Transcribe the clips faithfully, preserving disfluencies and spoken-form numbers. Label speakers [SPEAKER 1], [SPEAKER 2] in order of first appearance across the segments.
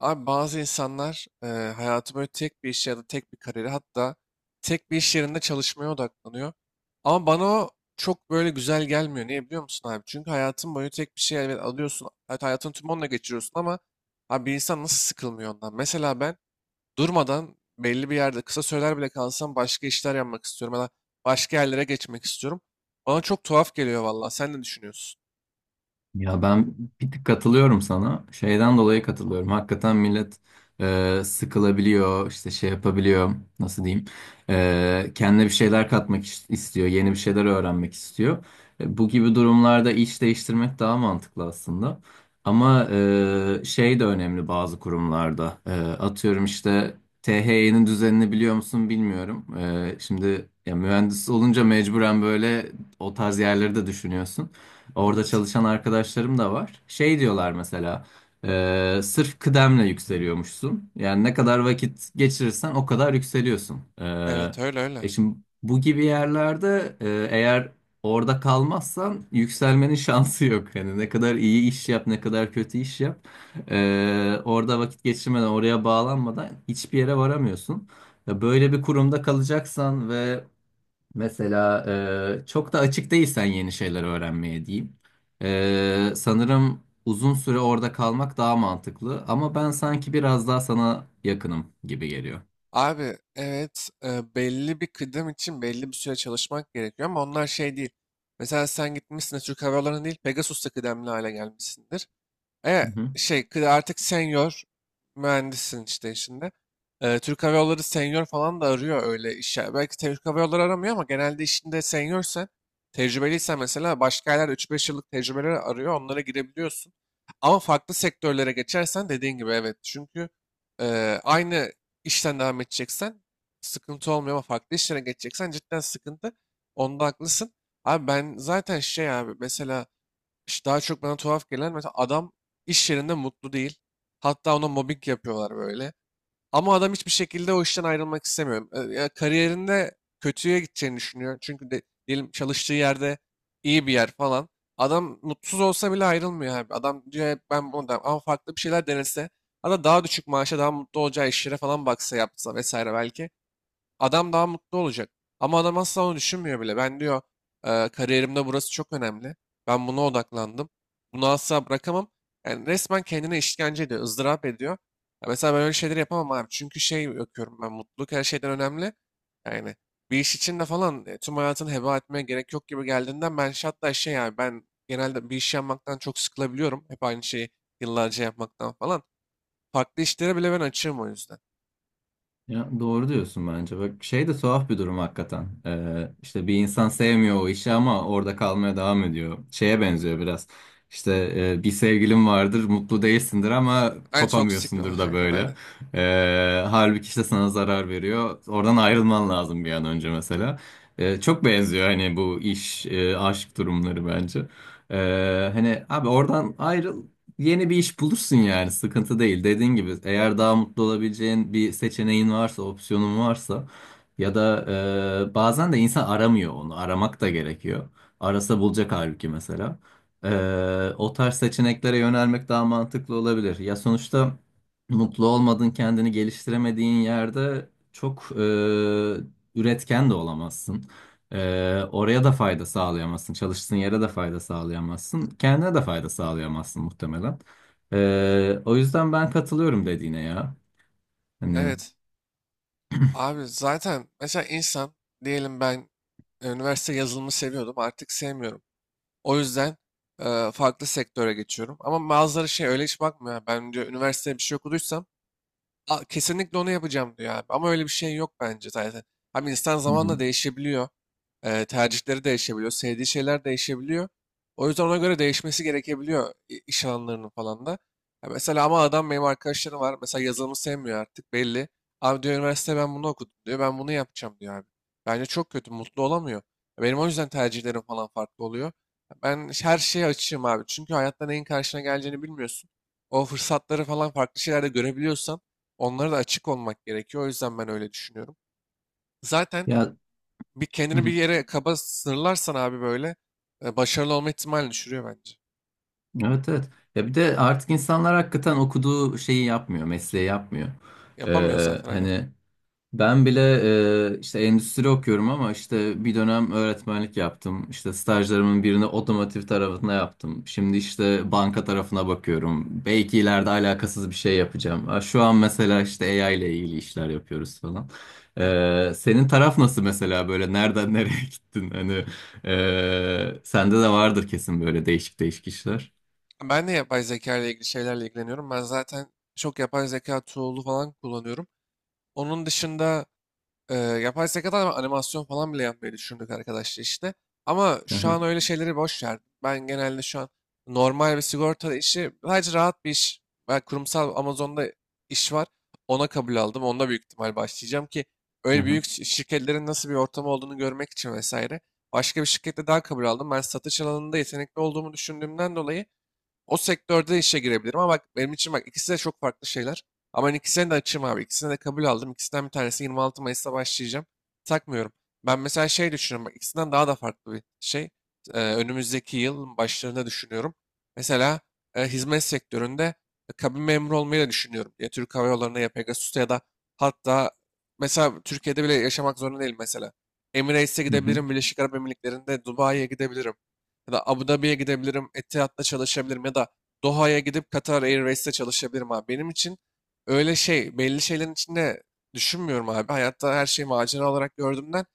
[SPEAKER 1] Abi bazı insanlar eee hayatı böyle tek bir işe ya da tek bir kariyere hatta tek bir iş yerinde çalışmaya odaklanıyor. Ama bana o çok böyle güzel gelmiyor. Niye biliyor musun abi? Çünkü hayatın boyu tek bir şey elbet alıyorsun. Evet, hayatın tüm onunla geçiriyorsun ama abi bir insan nasıl sıkılmıyor ondan? Mesela ben durmadan belli bir yerde kısa süreler bile kalsam başka işler yapmak istiyorum ya da başka yerlere geçmek istiyorum. Bana çok tuhaf geliyor valla. Sen ne düşünüyorsun?
[SPEAKER 2] Ya ben bir tık katılıyorum sana. Şeyden dolayı katılıyorum. Hakikaten millet e, sıkılabiliyor, işte şey yapabiliyor, nasıl diyeyim, e, kendine bir şeyler katmak iş- istiyor, yeni bir şeyler öğrenmek istiyor. E, bu gibi durumlarda iş değiştirmek daha mantıklı aslında. Ama e, şey de önemli bazı kurumlarda. E, atıyorum işte T H Y'nin düzenini biliyor musun bilmiyorum. E, şimdi ya mühendis olunca mecburen böyle o tarz yerleri de düşünüyorsun. Orada
[SPEAKER 1] Evet.
[SPEAKER 2] çalışan arkadaşlarım da var. Şey diyorlar mesela, e, sırf kıdemle yükseliyormuşsun. Yani ne kadar vakit geçirirsen o kadar yükseliyorsun. E,
[SPEAKER 1] Evet, öyle öyle.
[SPEAKER 2] e şimdi bu gibi yerlerde e, eğer orada kalmazsan yükselmenin şansı yok. Yani ne kadar iyi iş yap, ne kadar kötü iş yap. e, orada vakit geçirmeden, oraya bağlanmadan hiçbir yere varamıyorsun. Ya, böyle bir kurumda kalacaksan ve mesela, e, çok da açık değilsen yeni şeyler öğrenmeye diyeyim. E, sanırım uzun süre orada kalmak daha mantıklı ama ben sanki biraz daha sana yakınım gibi geliyor.
[SPEAKER 1] Abi evet, e, belli bir kıdem için belli bir süre çalışmak gerekiyor ama onlar şey değil. Mesela sen gitmişsin de Türk Hava Yolları'na değil Pegasus'ta kıdemli hale gelmişsindir. E,
[SPEAKER 2] Hı hı.
[SPEAKER 1] şey kı- Artık senior mühendissin işte işinde. E, Türk Hava Yolları senior falan da arıyor öyle işe. Belki Türk Hava Yolları aramıyor ama genelde işinde seniorsen, tecrübeliysen mesela başka yerler üç beş yıllık tecrübeleri arıyor. Onlara girebiliyorsun. Ama farklı sektörlere geçersen dediğin gibi evet. Çünkü e, aynı işten devam edeceksen sıkıntı olmuyor ama farklı işlere geçeceksen cidden sıkıntı. Onda haklısın. Abi ben zaten şey abi mesela işte daha çok bana tuhaf gelen mesela adam iş yerinde mutlu değil. Hatta ona mobbing yapıyorlar böyle. Ama adam hiçbir şekilde o işten ayrılmak istemiyor. E, Ya kariyerinde kötüye gideceğini düşünüyor. Çünkü de, diyelim çalıştığı yerde iyi bir yer falan. Adam mutsuz olsa bile ayrılmıyor abi. Adam diyor "Hep ben bunu", da ama farklı bir şeyler denese. Hatta daha düşük maaşa daha mutlu olacağı işlere falan baksa yapsa vesaire belki. Adam daha mutlu olacak. Ama adam asla onu düşünmüyor bile. Ben diyor, "Eee, kariyerimde burası çok önemli. Ben buna odaklandım. Bunu asla bırakamam." Yani resmen kendine işkence ediyor, ızdırap ediyor. Ya mesela ben öyle şeyleri yapamam abi. Çünkü şey bakıyorum, ben mutluluk her şeyden önemli. Yani bir iş için de falan e, tüm hayatını heba etmeye gerek yok gibi geldiğinden ben şey- hatta şey, yani ben genelde bir iş yapmaktan çok sıkılabiliyorum. Hep aynı şeyi yıllarca yapmaktan falan. Farklı işlere bile ben açığım o yüzden.
[SPEAKER 2] Ya, doğru diyorsun bence. Bak şey de tuhaf bir durum hakikaten. Ee, işte bir insan sevmiyor o işi ama orada kalmaya devam ediyor. Şeye benziyor biraz. İşte, e, bir sevgilin vardır, mutlu değilsindir ama
[SPEAKER 1] Aynen, toksik.
[SPEAKER 2] kopamıyorsundur da
[SPEAKER 1] Aynen,
[SPEAKER 2] böyle.
[SPEAKER 1] aynen.
[SPEAKER 2] Ee, halbuki işte sana zarar veriyor. Oradan ayrılman lazım bir an önce mesela. Ee, çok benziyor hani bu iş, e, aşk durumları bence. Ee, hani abi oradan ayrıl. Yeni bir iş bulursun yani sıkıntı değil. Dediğin gibi eğer daha mutlu olabileceğin bir seçeneğin varsa, opsiyonun varsa ya da e, bazen de insan aramıyor onu. Aramak da gerekiyor. Arasa bulacak halbuki mesela. E, o tarz seçeneklere yönelmek daha mantıklı olabilir. Ya sonuçta mutlu olmadığın, kendini geliştiremediğin yerde çok e, üretken de olamazsın. Ee, oraya da fayda sağlayamazsın. Çalıştığın yere de fayda sağlayamazsın. Kendine de fayda sağlayamazsın muhtemelen. Ee, o yüzden ben katılıyorum dediğine ya. Hani.
[SPEAKER 1] Evet. Abi zaten mesela insan, diyelim ben e, üniversite yazılımı seviyordum, artık sevmiyorum. O yüzden e, farklı sektöre geçiyorum. Ama bazıları şey öyle hiç bakmıyor. Ben diyor üniversitede bir şey okuduysam, "A, kesinlikle onu yapacağım" diyor abi. Ama öyle bir şey yok bence zaten. Abi insan
[SPEAKER 2] Hı hı.
[SPEAKER 1] zamanla değişebiliyor. Eee, tercihleri değişebiliyor. Sevdiği şeyler değişebiliyor. O yüzden ona göre değişmesi gerekebiliyor i- iş alanlarının falan da. Ya mesela, ama adam benim arkadaşlarım var. Mesela yazılımı sevmiyor artık, belli. Abi diyor üniversite ben bunu okudum diyor. Ben bunu yapacağım diyor abi. Bence çok kötü. Mutlu olamıyor. Benim o yüzden tercihlerim falan farklı oluyor. Ben her şeye açığım abi. Çünkü hayatta neyin karşına geleceğini bilmiyorsun. O fırsatları falan farklı şeylerde görebiliyorsan onlara da açık olmak gerekiyor. O yüzden ben öyle düşünüyorum. Zaten
[SPEAKER 2] Ya,
[SPEAKER 1] bir
[SPEAKER 2] hı
[SPEAKER 1] kendini bir
[SPEAKER 2] hı.
[SPEAKER 1] yere kaba sınırlarsan abi böyle e, başarılı olma ihtimalini düşürüyor bence.
[SPEAKER 2] Evet, evet. Ya bir de artık insanlar hakikaten okuduğu şeyi yapmıyor, mesleği yapmıyor.
[SPEAKER 1] Yapamıyor
[SPEAKER 2] Ee,
[SPEAKER 1] zaten, aynen.
[SPEAKER 2] hani ben bile e, işte endüstri okuyorum ama işte bir dönem öğretmenlik yaptım. İşte stajlarımın birini otomotiv tarafına yaptım. Şimdi işte banka tarafına bakıyorum. Belki ileride alakasız bir şey yapacağım. Ha, şu an mesela işte A I ile ilgili işler yapıyoruz falan.
[SPEAKER 1] Evet.
[SPEAKER 2] E, senin taraf nasıl mesela böyle nereden nereye gittin? Hani e, sende de vardır kesin böyle değişik değişik işler.
[SPEAKER 1] Ben de yapay zeka ile ilgili şeylerle ilgileniyorum. Ben zaten çok yapay zeka tool'u falan kullanıyorum. Onun dışında Ee, yapay zekadan animasyon falan bile yapmayı düşündük arkadaşlar işte. Ama
[SPEAKER 2] Hı
[SPEAKER 1] şu
[SPEAKER 2] hı,
[SPEAKER 1] an öyle şeyleri boş ver. Ben genelde şu an normal bir sigorta işi, sadece rahat bir iş. Ben kurumsal Amazon'da iş var. Ona kabul aldım. Onda büyük ihtimal başlayacağım ki
[SPEAKER 2] hı
[SPEAKER 1] öyle
[SPEAKER 2] hı,
[SPEAKER 1] büyük şi- şirketlerin nasıl bir ortamı olduğunu görmek için vesaire. Başka bir şirkette daha kabul aldım. Ben satış alanında yetenekli olduğumu düşündüğümden dolayı o sektörde işe girebilirim ama bak benim için bak ikisi de çok farklı şeyler. Ama ben ikisine de açığım abi. İkisine de kabul aldım. İkisinden bir tanesi yirmi altı Mayıs'ta başlayacağım. Takmıyorum. Ben mesela şey düşünüyorum. Bak ikisinden daha da farklı bir şey. Ee, önümüzdeki yıl başlarında düşünüyorum. Mesela e, hizmet sektöründe e, kabin memuru olmayı da düşünüyorum. Ya Türk Hava Yolları'na ya Pegasus'ta ya da hatta mesela Türkiye'de bile yaşamak zorunda değil mesela. Emirates'e
[SPEAKER 2] hı hı.
[SPEAKER 1] gidebilirim. Birleşik Arap Emirlikleri'nde Dubai'ye gidebilirim ya da Abu Dhabi'ye gidebilirim, Etihad'da çalışabilirim ya da Doha'ya gidip Qatar Airways'te çalışabilirim abi. Benim için öyle şey, belli şeylerin içinde düşünmüyorum abi. Hayatta her şeyi macera olarak gördüğümden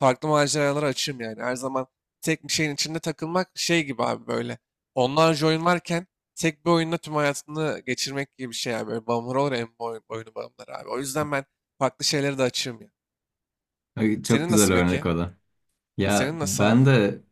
[SPEAKER 1] farklı maceralara açığım yani. Her zaman tek bir şeyin içinde takılmak şey gibi abi böyle. Onlarca oyun varken tek bir oyunda tüm hayatını geçirmek gibi bir şey abi. Böyle bağımlılar olur ya, en oyun, oyunu bağımlılar abi. O yüzden ben farklı şeylere de açığım ya.
[SPEAKER 2] Ay, çok
[SPEAKER 1] Senin
[SPEAKER 2] güzel
[SPEAKER 1] nasıl peki?
[SPEAKER 2] örnek o. Ya,
[SPEAKER 1] Senin nasıl
[SPEAKER 2] ben
[SPEAKER 1] abi?
[SPEAKER 2] de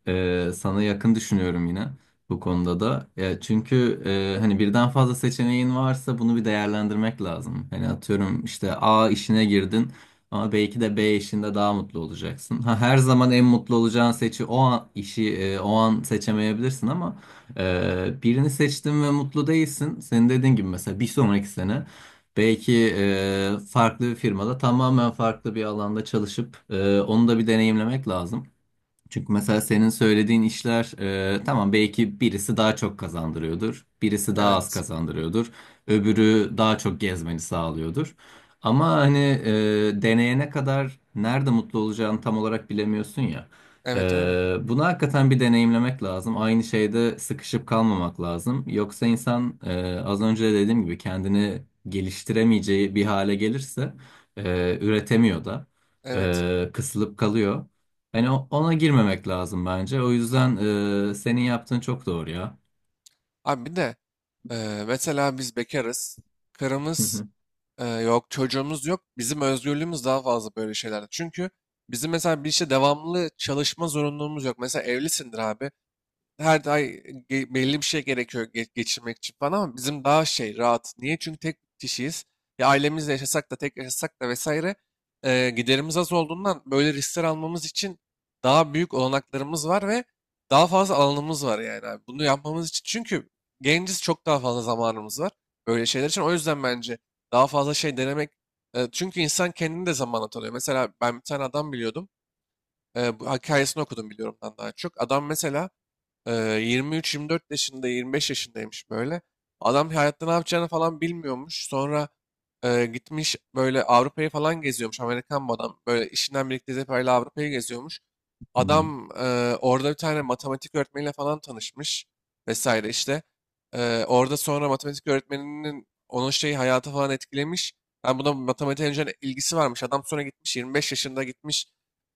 [SPEAKER 2] e, sana yakın düşünüyorum yine bu konuda da. Ya çünkü e, hani birden fazla seçeneğin varsa bunu bir değerlendirmek lazım. Hani atıyorum işte A işine girdin ama belki de B işinde daha mutlu olacaksın. Ha, her zaman en mutlu olacağın seçi o an, işi e, o an seçemeyebilirsin ama e, birini seçtin ve mutlu değilsin. Senin dediğin gibi mesela bir sonraki sene belki, e, farklı bir firmada tamamen farklı bir alanda çalışıp e, onu da bir deneyimlemek lazım. Çünkü mesela senin söylediğin işler e, tamam belki birisi daha çok kazandırıyordur, birisi daha az
[SPEAKER 1] Evet.
[SPEAKER 2] kazandırıyordur, öbürü daha çok gezmeni sağlıyordur. Ama hani e, deneyene kadar nerede mutlu olacağını tam olarak bilemiyorsun ya. E,
[SPEAKER 1] Evet, öyle.
[SPEAKER 2] bunu hakikaten bir deneyimlemek lazım. Aynı şeyde sıkışıp kalmamak lazım. Yoksa insan e, az önce de dediğim gibi kendini geliştiremeyeceği bir hale gelirse e, üretemiyor da,
[SPEAKER 1] Evet.
[SPEAKER 2] e, kısılıp kalıyor. Yani o- ona girmemek lazım bence. O yüzden e, senin yaptığın çok doğru ya.
[SPEAKER 1] Abi bir de Ee, mesela biz bekarız.
[SPEAKER 2] Hı
[SPEAKER 1] Karımız
[SPEAKER 2] hı.
[SPEAKER 1] e, yok, çocuğumuz yok. Bizim özgürlüğümüz daha fazla böyle şeylerde. Çünkü bizim mesela bir işte devamlı çalışma zorunluluğumuz yok. Mesela evlisindir abi, her ay ge- belli bir şey gerekiyor ge- geçirmek için falan ama bizim daha şey rahat. Niye? Çünkü tek kişiyiz. Ya ailemizle yaşasak da tek yaşasak da vesaire e, giderimiz az olduğundan böyle riskler almamız için daha büyük olanaklarımız var ve daha fazla alanımız var yani abi. Bunu yapmamız için, çünkü genciz, çok daha fazla zamanımız var böyle şeyler için. O yüzden bence daha fazla şey denemek, e, çünkü insan kendini de zamanla tanıyor. Mesela ben bir tane adam biliyordum. E, bu hikayesini okudum biliyorum ben daha çok. Adam mesela ee, yirmi üç, yirmi dört yaşında, yirmi beş yaşındaymış böyle. Adam hayatta ne yapacağını falan bilmiyormuş. Sonra e, gitmiş böyle Avrupa'yı falan geziyormuş. Amerikan bu adam. Böyle işinden birlikte Zeper'le Avrupa'yı geziyormuş. Adam e, orada bir tane matematik öğretmeniyle falan tanışmış vesaire işte. E, orada sonra matematik öğretmeninin onun şeyi hayatı falan etkilemiş. Ben buna matematiğe önceden ilgisi varmış. Adam sonra gitmiş, yirmi beş yaşında gitmiş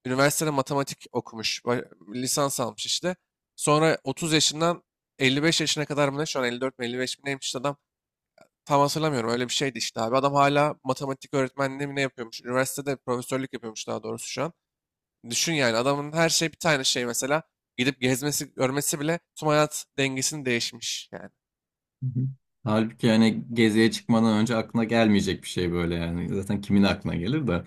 [SPEAKER 1] üniversitede matematik okumuş. ba- Lisans almış işte. Sonra otuz yaşından elli beş yaşına kadar mı ne? Şu an elli dört mi elli beş mi neymiş işte adam. Tam hatırlamıyorum. Öyle bir şeydi işte abi. Adam hala matematik öğretmenliği mi ne yapıyormuş? Üniversitede profesörlük yapıyormuş daha doğrusu şu an. Düşün yani adamın her şey bir tane şey mesela. Gidip gezmesi, görmesi bile tüm hayat dengesini değişmiş yani.
[SPEAKER 2] Hı hı. Halbuki yani geziye çıkmadan önce aklına gelmeyecek bir şey böyle yani. Zaten kimin aklına gelir de.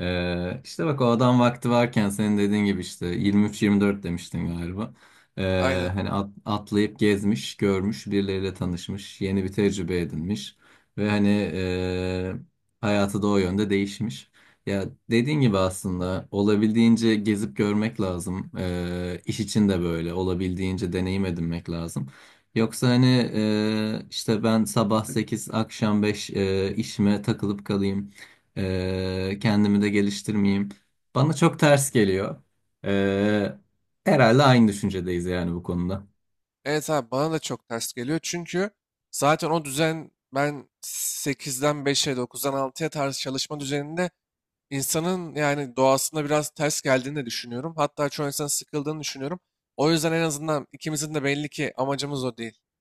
[SPEAKER 2] Ee, işte bak o adam vakti varken senin dediğin gibi işte yirmi üç yirmi dört demiştin galiba. Ee,
[SPEAKER 1] Aynen.
[SPEAKER 2] hani at- atlayıp gezmiş, görmüş, birileriyle tanışmış, yeni bir tecrübe edinmiş. Ve hani, ee, hayatı da o yönde değişmiş. Ya dediğin gibi aslında olabildiğince gezip görmek lazım. Ee, iş için de böyle olabildiğince deneyim edinmek lazım. Yoksa hani, e, işte ben sabah sekiz akşam beş e, işime takılıp kalayım. E, kendimi de geliştirmeyeyim. Bana çok ters geliyor. E, herhalde aynı düşüncedeyiz yani bu konuda.
[SPEAKER 1] Evet abi, bana da çok ters geliyor. Çünkü zaten o düzen, ben sekizden beşe dokuzdan altıya tarz çalışma düzeninde insanın yani doğasında biraz ters geldiğini de düşünüyorum. Hatta çoğu insanın sıkıldığını düşünüyorum. O yüzden en azından ikimizin de belli ki amacımız o değil.